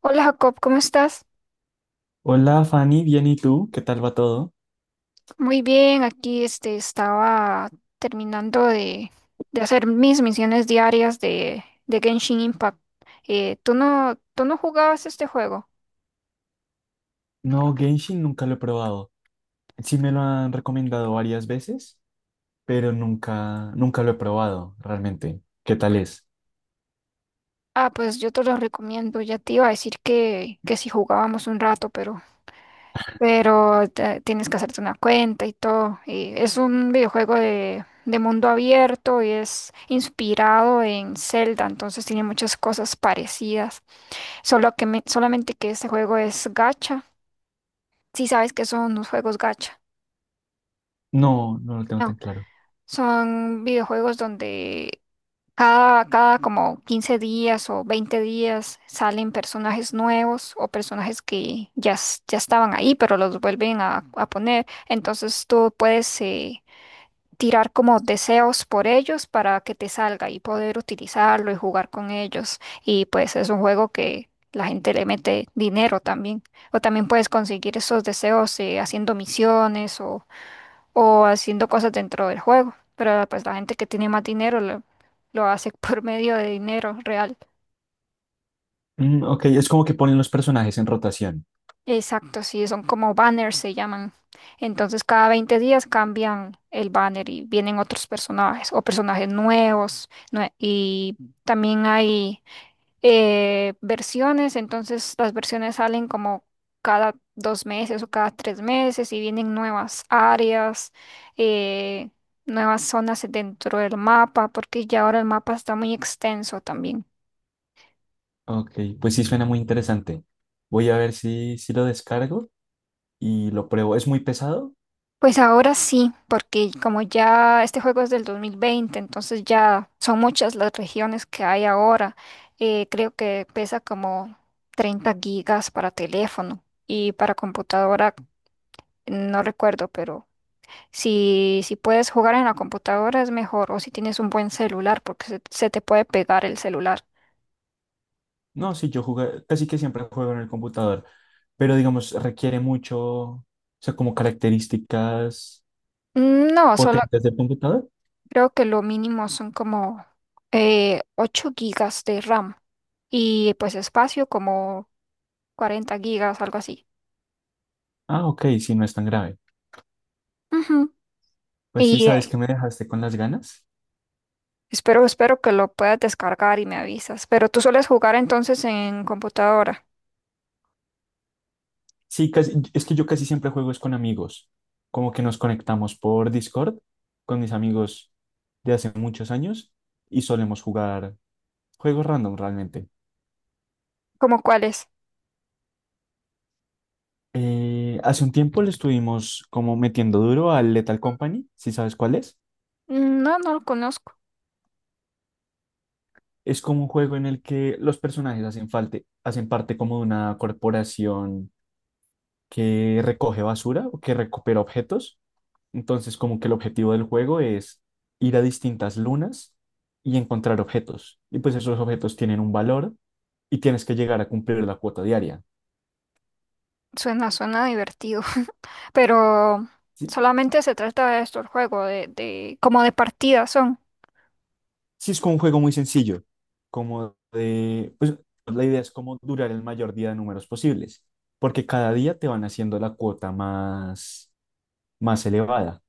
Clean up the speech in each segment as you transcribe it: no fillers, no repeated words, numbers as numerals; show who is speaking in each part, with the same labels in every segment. Speaker 1: Hola Jacob, ¿cómo estás?
Speaker 2: Hola Fanny, bien ¿y tú? ¿Qué tal va todo?
Speaker 1: Muy bien, aquí estaba terminando de hacer mis misiones diarias de Genshin Impact. ¿Tú no jugabas este juego?
Speaker 2: No, Genshin nunca lo he probado. Sí me lo han recomendado varias veces, pero nunca lo he probado realmente. ¿Qué tal es?
Speaker 1: Ah, pues yo te lo recomiendo. Ya te iba a decir que si jugábamos un rato, pero tienes que hacerte una cuenta y todo. Es un videojuego de mundo abierto y es inspirado en Zelda, entonces tiene muchas cosas parecidas. Solamente que este juego es gacha. Si sabes que son los juegos gacha.
Speaker 2: No, no lo tengo tan
Speaker 1: No,
Speaker 2: claro.
Speaker 1: son videojuegos donde cada como 15 días o 20 días salen personajes nuevos o personajes que ya estaban ahí, pero los vuelven a poner. Entonces tú puedes tirar como deseos por ellos para que te salga y poder utilizarlo y jugar con ellos. Y pues es un juego que la gente le mete dinero también. O también puedes conseguir esos deseos haciendo misiones o haciendo cosas dentro del juego. Pero pues la gente que tiene más dinero lo hace por medio de dinero real.
Speaker 2: Mm, ok, es como que ponen los personajes en rotación.
Speaker 1: Exacto, sí, son como banners se llaman. Entonces cada 20 días cambian el banner y vienen otros personajes o personajes nuevos. Y también hay versiones, entonces las versiones salen como cada dos meses o cada tres meses y vienen nuevas áreas, eh, nuevas zonas dentro del mapa, porque ya ahora el mapa está muy extenso también.
Speaker 2: Ok, pues sí suena muy interesante. Voy a ver si lo descargo y lo pruebo. ¿Es muy pesado?
Speaker 1: Pues ahora sí, porque como ya este juego es del 2020, entonces ya son muchas las regiones que hay ahora. Creo que pesa como 30 gigas para teléfono y para computadora, no recuerdo, pero si puedes jugar en la computadora es mejor o si tienes un buen celular, porque se te puede pegar el celular.
Speaker 2: No, sí, yo jugué, casi que siempre juego en el computador, pero digamos, requiere mucho, o sea, como características
Speaker 1: No, solo
Speaker 2: potentes del computador.
Speaker 1: creo que lo mínimo son como 8 gigas de RAM y pues espacio como 40 gigas, algo así.
Speaker 2: Ah, ok, sí, no es tan grave.
Speaker 1: Ujú.
Speaker 2: Pues sí,
Speaker 1: Y
Speaker 2: ¿sabes que me dejaste con las ganas?
Speaker 1: espero, espero que lo puedas descargar y me avisas. Pero tú sueles jugar entonces en computadora.
Speaker 2: Sí, casi, es que yo casi siempre juego es con amigos. Como que nos conectamos por Discord con mis amigos de hace muchos años y solemos jugar juegos random realmente.
Speaker 1: ¿Cómo cuáles?
Speaker 2: Hace un tiempo le estuvimos como metiendo duro al Lethal Company, si sabes cuál es.
Speaker 1: Mm, no, no lo conozco.
Speaker 2: Es como un juego en el que los personajes hacen falta, hacen parte como de una corporación que recoge basura o que recupera objetos. Entonces, como que el objetivo del juego es ir a distintas lunas y encontrar objetos. Y pues esos objetos tienen un valor y tienes que llegar a cumplir la cuota diaria.
Speaker 1: Suena, suena divertido. Pero
Speaker 2: Sí,
Speaker 1: solamente se trata de esto, el juego, de como de partidas son.
Speaker 2: sí es como un juego muy sencillo, como de, pues la idea es como durar el mayor día de números posibles, porque cada día te van haciendo la cuota más elevada.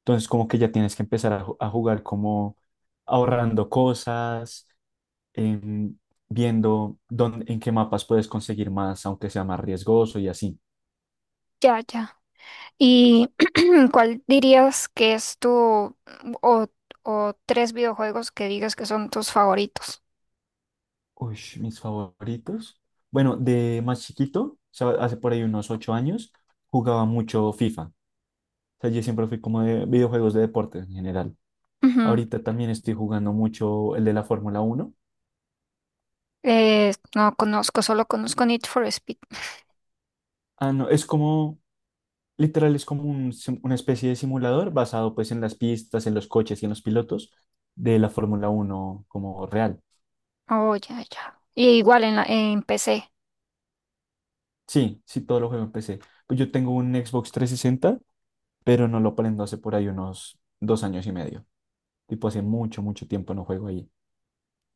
Speaker 2: Entonces, como que ya tienes que empezar a jugar como ahorrando cosas, em, viendo dónde, en qué mapas puedes conseguir más, aunque sea más riesgoso y así.
Speaker 1: Ya, ya. ¿Y cuál dirías que es tu o, o tres videojuegos que digas que son tus favoritos?
Speaker 2: Uy, mis favoritos. Bueno, de más chiquito, o sea, hace por ahí unos 8 años, jugaba mucho FIFA. O sea, yo siempre fui como de videojuegos de deportes en general.
Speaker 1: Ujú.
Speaker 2: Ahorita también estoy jugando mucho el de la Fórmula Uno.
Speaker 1: No conozco, solo conozco Need for Speed.
Speaker 2: Ah, no, es como, literal, es como una especie de simulador basado pues en las pistas, en los coches y en los pilotos de la Fórmula Uno como real.
Speaker 1: Oh, ya, ya. Y igual en la, en PC.
Speaker 2: Sí, sí, todo lo juego en PC. Pues yo tengo un Xbox 360, pero no lo prendo hace por ahí unos 2 años y medio. Tipo, hace mucho, mucho tiempo no juego ahí.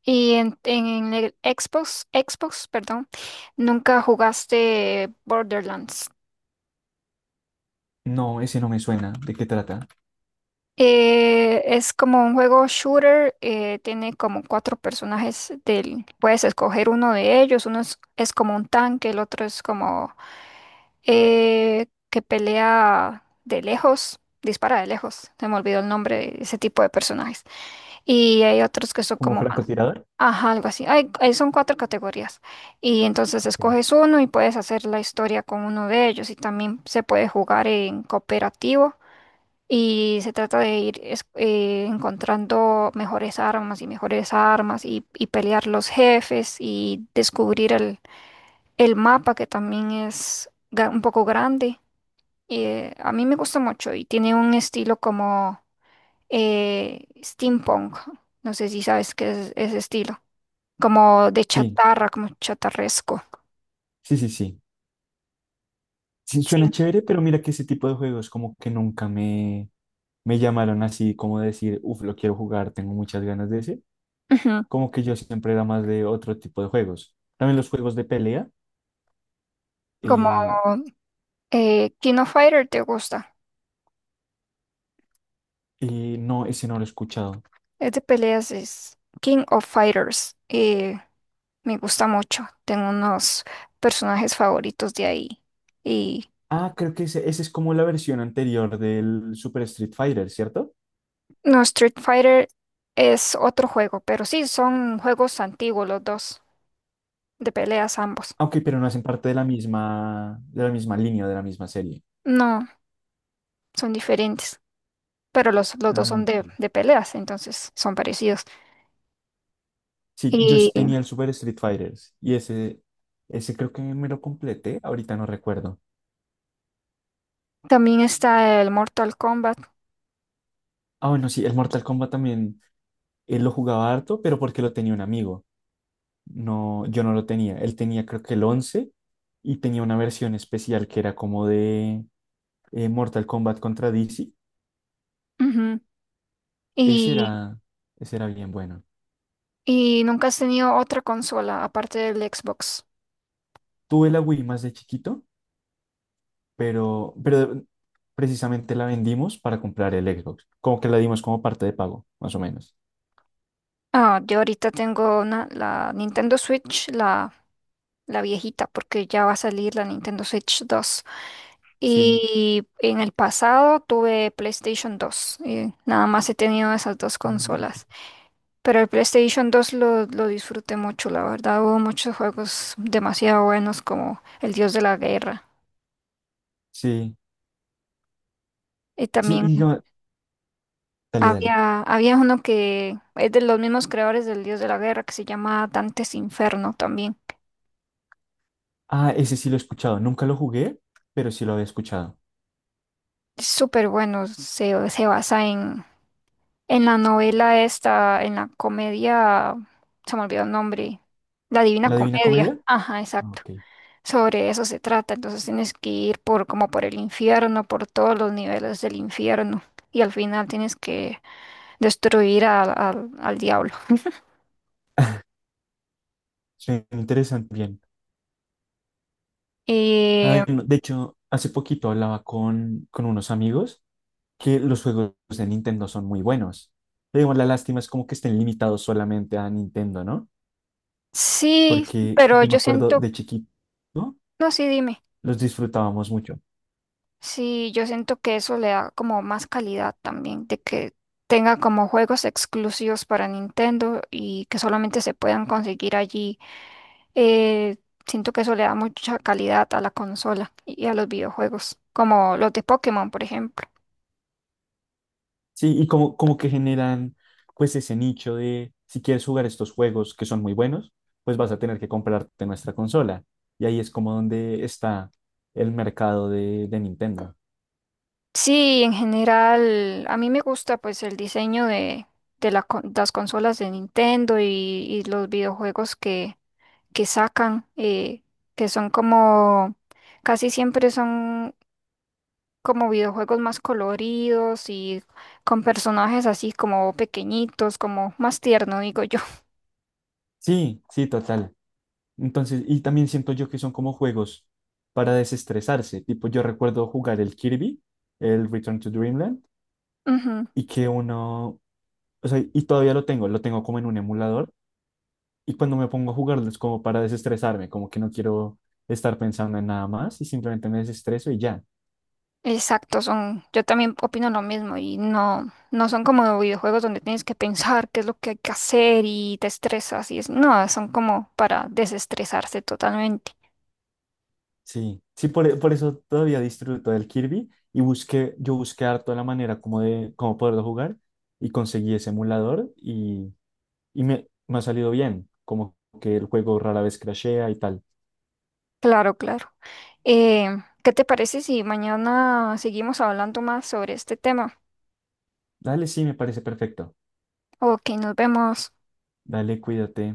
Speaker 1: Y en el Xbox, perdón, nunca jugaste Borderlands.
Speaker 2: No, ese no me suena. ¿De qué trata?
Speaker 1: Es como un juego shooter, tiene como cuatro personajes del, puedes escoger uno de ellos, uno es como un tanque, el otro es como que pelea de lejos, dispara de lejos, se me olvidó el nombre de ese tipo de personajes. Y hay otros que son
Speaker 2: ¿Como
Speaker 1: como más.
Speaker 2: francotirador?
Speaker 1: Ajá, algo así. Son cuatro categorías. Y entonces
Speaker 2: Ok.
Speaker 1: escoges uno y puedes hacer la historia con uno de ellos. Y también se puede jugar en cooperativo. Y se trata de ir encontrando mejores armas y mejores armas y pelear los jefes y descubrir el mapa que también es un poco grande. A mí me gusta mucho y tiene un estilo como steampunk. No sé si sabes qué es ese estilo. Como de
Speaker 2: Sí,
Speaker 1: chatarra, como chatarresco.
Speaker 2: sí, sí, sí. Sí, suena
Speaker 1: Sí.
Speaker 2: chévere, pero mira que ese tipo de juegos como que nunca me llamaron así como decir, uff, lo quiero jugar, tengo muchas ganas de ese.
Speaker 1: Ujú.
Speaker 2: Como que yo siempre era más de otro tipo de juegos. También los juegos de pelea,
Speaker 1: Como
Speaker 2: eh,
Speaker 1: King of Fighter te gusta.
Speaker 2: no, ese no lo he escuchado.
Speaker 1: Es de peleas, es King of Fighters. Me gusta mucho. Tengo unos personajes favoritos de ahí. Y
Speaker 2: Ah, creo que ese es como la versión anterior del Super Street Fighter, ¿cierto?
Speaker 1: no, Street Fighter es otro juego, pero sí, son juegos antiguos los dos, de peleas ambos.
Speaker 2: Ah, ok, pero no hacen parte de la misma, línea, de la misma serie.
Speaker 1: No, son diferentes. Pero los dos
Speaker 2: Ah,
Speaker 1: son
Speaker 2: ok.
Speaker 1: de peleas, entonces son parecidos.
Speaker 2: Sí, yo
Speaker 1: Y
Speaker 2: sí tenía el Super Street Fighters y ese creo que me lo completé, ahorita no recuerdo.
Speaker 1: también está el Mortal Kombat.
Speaker 2: Ah, bueno, sí, el Mortal Kombat también, él lo jugaba harto, pero porque lo tenía un amigo. No, yo no lo tenía. Él tenía creo que el 11 y tenía una versión especial que era como de Mortal Kombat contra DC.
Speaker 1: Ujú.
Speaker 2: Ese
Speaker 1: Y,
Speaker 2: era, ese era bien bueno.
Speaker 1: y nunca has tenido otra consola aparte del Xbox.
Speaker 2: Tuve la Wii más de chiquito, pero precisamente la vendimos para comprar el Xbox. Como que la dimos como parte de pago, más o menos.
Speaker 1: Ah, yo ahorita tengo una, la Nintendo Switch, la viejita, porque ya va a salir la Nintendo Switch 2.
Speaker 2: Sí.
Speaker 1: Y en el pasado tuve PlayStation dos. Y nada más he tenido esas dos
Speaker 2: Mm,
Speaker 1: consolas.
Speaker 2: ok.
Speaker 1: Pero el PlayStation 2 lo disfruté mucho, la verdad. Hubo muchos juegos demasiado buenos como El Dios de la Guerra.
Speaker 2: Sí.
Speaker 1: Y
Speaker 2: Sí,
Speaker 1: también
Speaker 2: dale, dale.
Speaker 1: había uno que es de los mismos creadores del Dios de la Guerra que se llama Dantes Inferno también.
Speaker 2: Ah, ese sí lo he escuchado. Nunca lo jugué, pero sí lo había escuchado.
Speaker 1: Es súper bueno, se basa en la novela esta, en la comedia, se me olvidó el nombre, La Divina
Speaker 2: ¿La Divina
Speaker 1: Comedia.
Speaker 2: Comedia?
Speaker 1: Ajá,
Speaker 2: Ah,
Speaker 1: exacto.
Speaker 2: ok.
Speaker 1: Sobre eso se trata, entonces tienes que ir por como por el infierno, por todos los niveles del infierno y al final tienes que destruir al al diablo.
Speaker 2: Suena interesante. Bien. Ah,
Speaker 1: Y
Speaker 2: bueno, de hecho, hace poquito hablaba con unos amigos que los juegos de Nintendo son muy buenos. Pero digo, la lástima es como que estén limitados solamente a Nintendo, ¿no?
Speaker 1: sí,
Speaker 2: Porque
Speaker 1: pero
Speaker 2: yo me
Speaker 1: yo
Speaker 2: acuerdo
Speaker 1: siento,
Speaker 2: de chiquito, ¿no?
Speaker 1: no, sí, dime.
Speaker 2: Los disfrutábamos mucho.
Speaker 1: Sí, yo siento que eso le da como más calidad también, de que tenga como juegos exclusivos para Nintendo y que solamente se puedan conseguir allí. Eh, siento que eso le da mucha calidad a la consola y a los videojuegos, como los de Pokémon, por ejemplo.
Speaker 2: Sí, y como que generan pues ese nicho de si quieres jugar estos juegos que son muy buenos, pues vas a tener que comprarte nuestra consola. Y ahí es como donde está el mercado de Nintendo.
Speaker 1: Sí, en general, a mí me gusta pues el diseño de la las consolas de Nintendo y los videojuegos que sacan, que son como casi siempre son como videojuegos más coloridos y con personajes así como pequeñitos, como más tierno, digo yo.
Speaker 2: Sí, sí, total. Entonces, y también siento yo que son como juegos para desestresarse. Tipo, yo recuerdo jugar el Kirby, el Return to Dreamland,
Speaker 1: Ujú.
Speaker 2: y que uno, o sea, y todavía lo tengo como en un emulador. Y cuando me pongo a jugarlo es como para desestresarme, como que no quiero estar pensando en nada más y simplemente me desestreso y ya.
Speaker 1: Exacto, son, yo también opino lo mismo y no, no son como videojuegos donde tienes que pensar qué es lo que hay que hacer y te estresas y es, no, son como para desestresarse totalmente.
Speaker 2: Sí, sí, por eso todavía disfruto del Kirby y busqué, yo busqué harto la manera como de cómo poderlo jugar y conseguí ese emulador y me ha salido bien, como que el juego rara vez crashea y tal.
Speaker 1: Claro, claro. Eh, ¿Qué te parece si mañana seguimos hablando más sobre este tema?
Speaker 2: Dale, sí, me parece perfecto.
Speaker 1: Ok, nos vemos.
Speaker 2: Dale, cuídate.